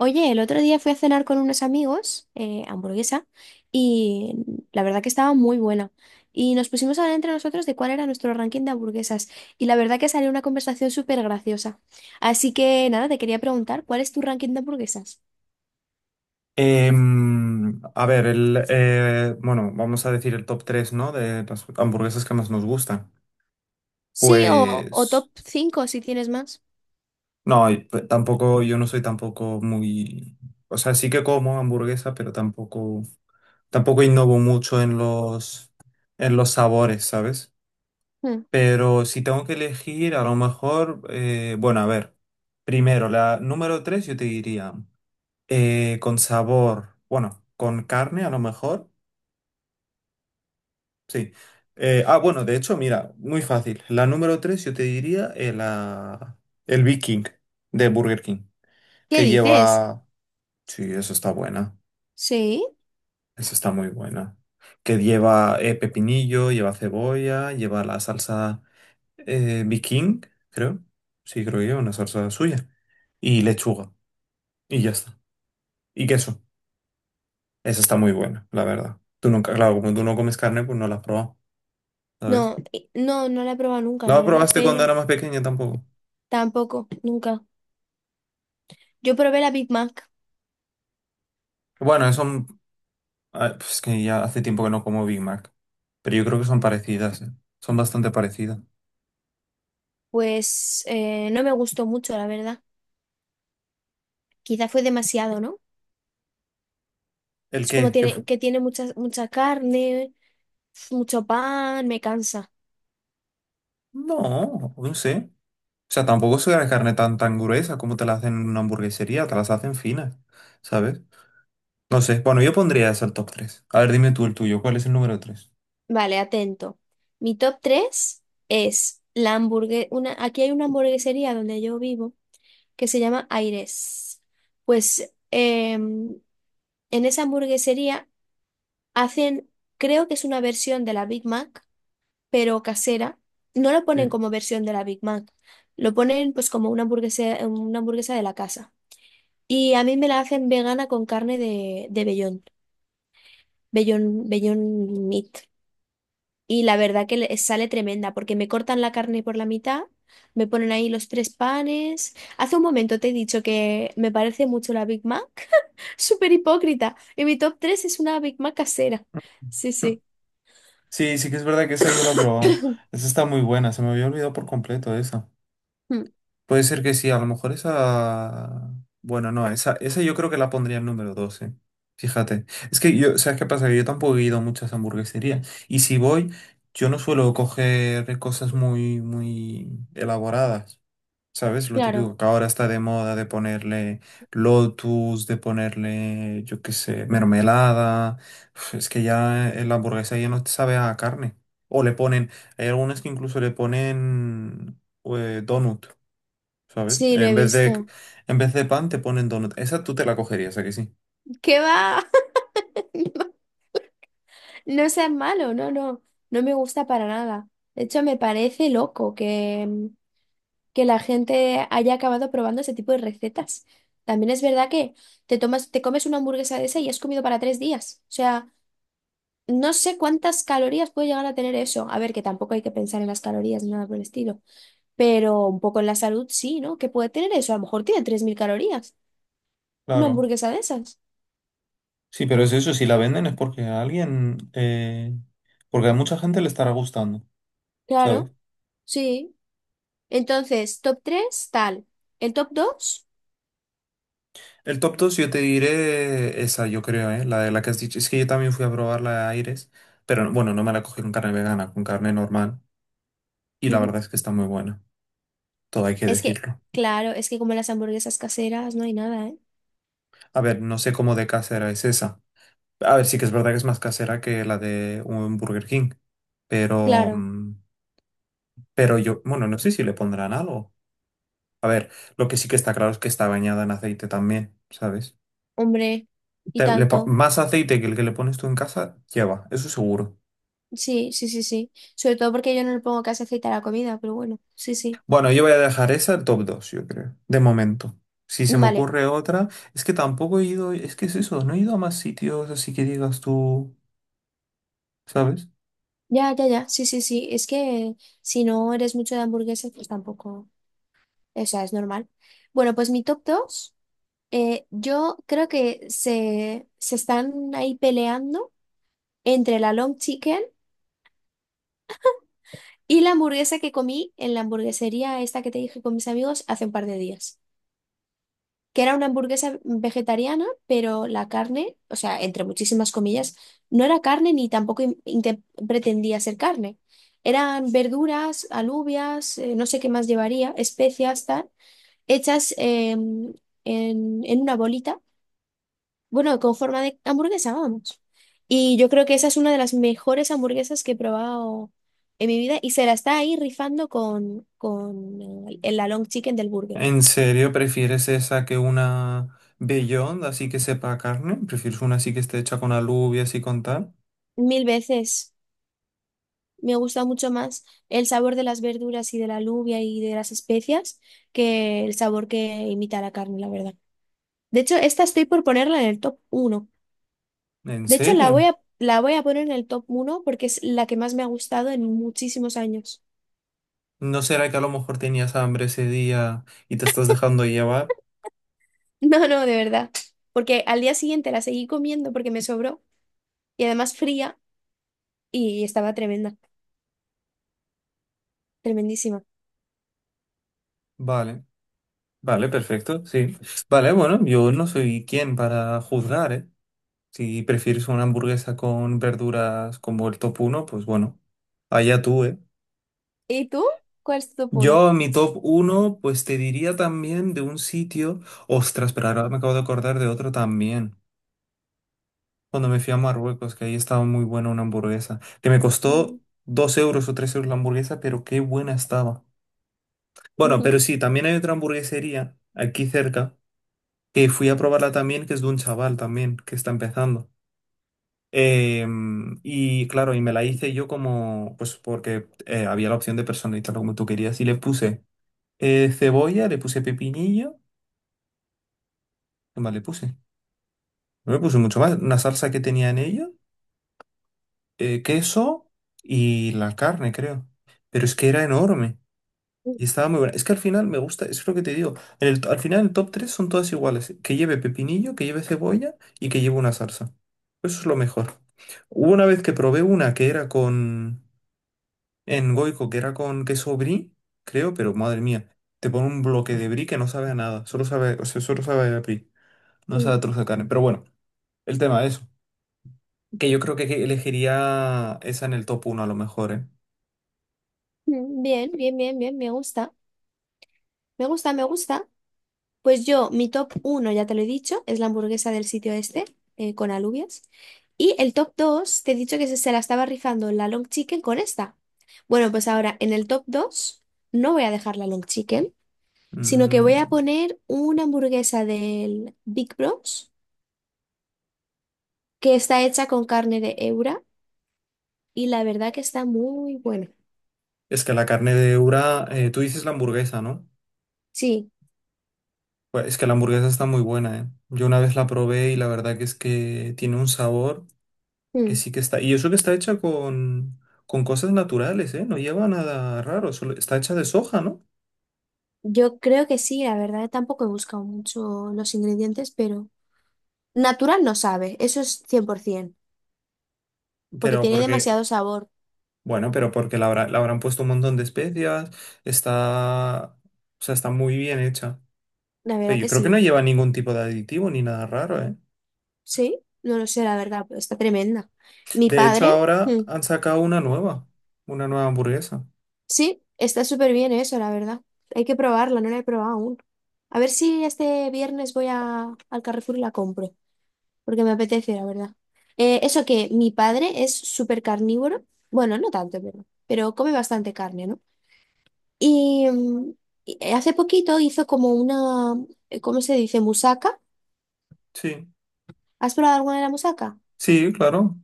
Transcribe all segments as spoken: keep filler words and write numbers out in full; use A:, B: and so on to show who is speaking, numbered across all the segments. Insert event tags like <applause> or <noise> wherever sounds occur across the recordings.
A: Oye, el otro día fui a cenar con unos amigos, eh, hamburguesa, y la verdad que estaba muy buena. Y nos pusimos a hablar entre nosotros de cuál era nuestro ranking de hamburguesas. Y la verdad que salió una conversación súper graciosa. Así que nada, te quería preguntar, ¿cuál es tu ranking de hamburguesas?
B: Em, a ver, el, eh, bueno, vamos a decir el top tres, ¿no? De las hamburguesas que más nos gustan.
A: Sí, o, o
B: Pues,
A: top cinco, si tienes más.
B: no, y p- tampoco, yo no soy tampoco muy, o sea, sí que como hamburguesa, pero tampoco, tampoco innovo mucho en los, en los sabores, ¿sabes?
A: Hmm.
B: Pero si tengo que elegir, a lo mejor, eh, bueno, a ver, primero, la número tres yo te diría, eh, con sabor, bueno, con carne a lo mejor. Sí. Eh, ah, bueno, de hecho, mira, muy fácil. La número tres yo te diría eh, la- el Big King de Burger King,
A: ¿Qué
B: que
A: dices?
B: lleva. Sí, eso está buena,
A: Sí,
B: eso está muy buena. Que lleva eh, pepinillo, lleva cebolla, lleva la salsa eh, Big King, creo. Sí, creo que lleva una salsa suya. Y lechuga, y ya está. Y queso. Esa está muy buena, la verdad. Tú nunca, claro, como tú no comes carne, pues no la has probado, ¿sabes?
A: no, eh, no, no la he probado nunca,
B: No
A: la
B: la
A: verdad,
B: probaste cuando
A: pero
B: era más pequeña tampoco.
A: tampoco, nunca. Yo probé la Big Mac,
B: Bueno, eso ah, pues es que ya hace tiempo que no como Big Mac. Pero yo creo que son parecidas, ¿eh? Son bastante parecidas.
A: pues eh, no me gustó mucho, la verdad. Quizá fue demasiado, ¿no?
B: ¿El
A: Es como
B: qué? ¿Qué
A: tiene,
B: fu-?
A: que tiene mucha, mucha carne, mucho pan, me cansa.
B: No, no sé. O sea, tampoco soy la carne tan, tan gruesa como te la hacen en una hamburguesería, te las hacen finas, ¿sabes? No sé. Bueno, yo pondría eso al top tres. A ver, dime tú el tuyo. ¿Cuál es el número tres?
A: Vale, atento. Mi top tres es la hamburguesa. Una, aquí hay una hamburguesería donde yo vivo que se llama Aires. Pues em, en esa hamburguesería hacen, creo que es una versión de la Big Mac, pero casera. No lo ponen
B: Sí.
A: como versión de la Big Mac, lo ponen pues como una hamburguesa, una hamburguesa de la casa. Y a mí me la hacen vegana con carne de, de vellón, vellón, vellón meat. Y la verdad que le- sale tremenda, porque me cortan la carne por la mitad, me ponen ahí los tres panes. Hace un momento te he dicho que me parece mucho la Big Mac. <laughs> Súper hipócrita. Y mi top tres es una Big Mac casera. Sí,
B: <laughs>
A: sí.
B: Sí, sí que es verdad que esa yo la he probado. Esa está muy buena. Se me había olvidado por completo esa.
A: Mm, <clears throat>
B: Puede ser que sí, a lo mejor esa. Bueno, no, esa, esa yo creo que la pondría en número doce. Fíjate. Es que yo, ¿sabes qué pasa? Que yo tampoco he ido a muchas hamburgueserías. Y si voy, yo no suelo coger cosas muy, muy elaboradas. ¿Sabes? Lo
A: claro.
B: típico que ahora está de moda de ponerle lotus, de ponerle, yo qué sé, mermelada. Uf, es que ya en la hamburguesa ya no te sabe a carne. O le ponen, hay algunas que incluso le ponen eh, donut. ¿Sabes?
A: Sí, lo
B: En
A: he
B: vez de,
A: visto.
B: en vez de pan te ponen donut. Esa tú te la cogerías, ¿a que sí?
A: ¿Qué va? <laughs> No seas malo, no, no. No me gusta para nada. De hecho, me parece loco que, que la gente haya acabado probando ese tipo de recetas. También es verdad que te tomas, te comes una hamburguesa de esa y has comido para tres días. O sea, no sé cuántas calorías puede llegar a tener eso. A ver, que tampoco hay que pensar en las calorías ni nada por el estilo. Pero un poco en la salud sí, ¿no? ¿Qué puede tener eso? A lo mejor tiene tres mil calorías. Una
B: Claro.
A: hamburguesa de esas.
B: Sí, pero es eso, si la venden es porque a alguien, eh, porque a mucha gente le estará gustando, ¿sabes?
A: Claro, sí. Entonces, top tres tal. El top dos
B: El top dos yo te diré esa, yo creo, ¿eh? La de la que has dicho. Es que yo también fui a probar la de Aires, pero no, bueno, no me la cogí con carne vegana, con carne normal. Y la verdad es que está muy buena, todo hay que
A: es que,
B: decirlo.
A: claro, es que como las hamburguesas caseras no hay nada, ¿eh?
B: A ver, no sé cómo de casera es esa. A ver, sí que es verdad que es más casera que la de un Burger King, pero
A: Claro.
B: mm, pero yo, bueno, no sé si le pondrán algo. Lo que sí que está claro es que está bañada en aceite también, ¿sabes?
A: Hombre, y
B: Te- le po-
A: tanto.
B: más aceite que el que le pones tú en casa, lleva, eso seguro.
A: Sí, sí, sí, sí. Sobre todo porque yo no le pongo casi aceite a la comida, pero bueno, sí, sí.
B: Bueno, yo voy a dejar esa el top dos yo creo, de momento. Si se me
A: Vale.
B: ocurre otra, es que tampoco he ido, es que es eso, no he ido a más sitios, así que digas tú, ¿sabes?
A: Ya, ya, ya. Sí, sí, sí. Es que si no eres mucho de hamburguesas, pues tampoco. O sea, es normal. Bueno, pues mi top dos, yo creo que se, se están ahí peleando entre la long chicken y la hamburguesa que comí en la hamburguesería esta que te dije con mis amigos hace un par de días. Que era una hamburguesa vegetariana, pero la carne, o sea, entre muchísimas comillas, no era carne ni tampoco in- inte- pretendía ser carne. Eran verduras, alubias, eh, no sé qué más llevaría, especias, tal, hechas eh, en, en una bolita, bueno, con forma de hamburguesa, vamos. Y yo creo que esa es una de las mejores hamburguesas que he probado en mi vida y se la está ahí rifando con, con eh, la long chicken del burger.
B: ¿En serio prefieres esa que una Beyond, así que sepa a carne? ¿Prefieres una así que esté hecha con alubia, así con tal?
A: Mil veces. Me gusta mucho más el sabor de las verduras y de la alubia y de las especias que el sabor que imita la carne, la verdad. De hecho, esta estoy por ponerla en el top uno.
B: ¿En
A: De hecho, la voy
B: serio?
A: a, la voy a poner en el top uno porque es la que más me ha gustado en muchísimos años. <laughs>
B: ¿No será que a lo mejor tenías hambre ese día y te estás dejando llevar?
A: No, no, de verdad. Porque al día siguiente la seguí comiendo porque me sobró y además fría y estaba tremenda, tremendísima.
B: Vale, vale, perfecto, sí. Vale, bueno, yo no soy quien para juzgar, ¿eh? Si prefieres una hamburguesa con verduras como el top uno, pues bueno, allá tú, ¿eh?
A: ¿Y tú? ¿Cuál es tu top uno?
B: Yo mi top uno pues te diría también de un sitio, ostras, pero ahora me acabo de acordar de otro también, cuando me fui a Marruecos, que ahí estaba muy buena una hamburguesa, que me costó
A: Bien,
B: dos euros o tres euros la hamburguesa, pero qué buena estaba. Bueno, pero sí, también hay otra hamburguesería aquí cerca que fui a probarla también, que es de un chaval también que está empezando. Em, y claro, y me la hice yo como, pues porque eh, había la opción de personalizarlo como tú querías. Y le puse eh, cebolla, le puse pepinillo, ¿qué más le puse? No le puse mucho más, una salsa que tenía en ello, eh, queso y la carne, creo. Pero es que era enorme. Y estaba muy buena. Es que al final me gusta, es lo que te digo. En el- al final el top tres son todas iguales. Que lleve pepinillo, que lleve cebolla y que lleve una salsa. Eso es lo mejor. Hubo una vez que probé una que era con... en Goico, que era con queso brie, creo, pero madre mía. Te pone un bloque de brie que no sabe a nada. Solo sabe, o sea, solo sabe a brie. No sabe a trozo de carne. Pero bueno, el tema es que yo creo que elegiría esa en el top uno a lo mejor, ¿eh?
A: bien, bien, bien, me gusta. Me gusta, me gusta. Pues yo, mi top uno ya te lo he dicho, es la hamburguesa del sitio este, eh, con alubias. Y el top dos te he dicho que se, se la estaba rifando la long chicken con esta. Bueno, pues ahora en el top dos no voy a dejar la long chicken, sino que voy a
B: Mm,
A: poner una hamburguesa del Big Bros, que está hecha con carne de Eura y la verdad que está muy buena.
B: Es que la carne de Ura, eh, tú dices la hamburguesa, ¿no?
A: Sí,
B: Pues es que la hamburguesa está muy buena, ¿eh? Yo una vez la probé y la verdad que es que tiene un sabor que
A: mm,
B: sí que está. Y eso que está hecha con, con, cosas naturales, ¿eh? No lleva nada raro, solo está hecha de soja, ¿no?
A: yo creo que sí, la verdad tampoco he buscado mucho los ingredientes, pero natural no sabe, eso es cien por ciento. Porque
B: Pero
A: tiene
B: porque,
A: demasiado sabor.
B: bueno, pero porque la, habrá- la habrán puesto un montón de especias, está, o sea, está muy bien hecha.
A: La
B: Pero
A: verdad
B: yo
A: que
B: creo que no
A: sí.
B: lleva ningún tipo de aditivo ni nada raro, ¿eh?
A: Sí, no lo sé, la verdad, pero está tremenda. Mi
B: De hecho,
A: padre,
B: ahora
A: mm,
B: han sacado una nueva, una nueva hamburguesa.
A: sí, está súper bien eso, la verdad. Hay que probarla, no la he probado aún. A ver si este viernes voy a, al Carrefour y la compro, porque me apetece, la verdad. Eh, eso que mi padre es súper carnívoro, bueno, no tanto, pero, pero come bastante carne, ¿no? Y, mm, y hace poquito hizo como una, ¿cómo se dice? Musaca.
B: Sí,
A: ¿Has probado alguna de la musaca?
B: sí, claro.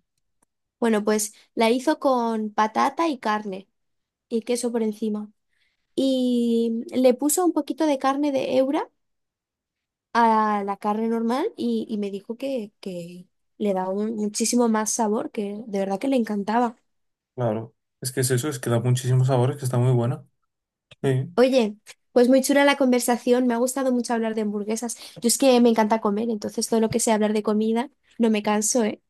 A: Bueno, pues la hizo con patata y carne y queso por encima. Y le puso un poquito de carne de Eura a la carne normal y, y me dijo que, que le daba un- muchísimo más sabor, que de verdad que le encantaba.
B: Claro, es que es eso, es que da muchísimos sabores, que está muy bueno. Sí.
A: Oye, pues muy chula la conversación, me ha gustado mucho hablar de hamburguesas. Yo es que me encanta comer, entonces todo lo que sea hablar de comida, no me canso, ¿eh?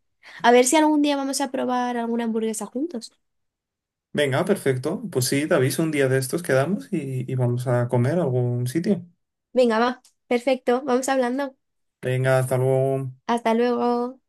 A: A ver si algún día vamos a probar alguna hamburguesa juntos.
B: Venga, perfecto. Pues sí, David, un día de estos quedamos y, y vamos a comer a algún sitio.
A: Venga, va, perfecto, vamos hablando.
B: Venga, hasta luego.
A: Hasta luego.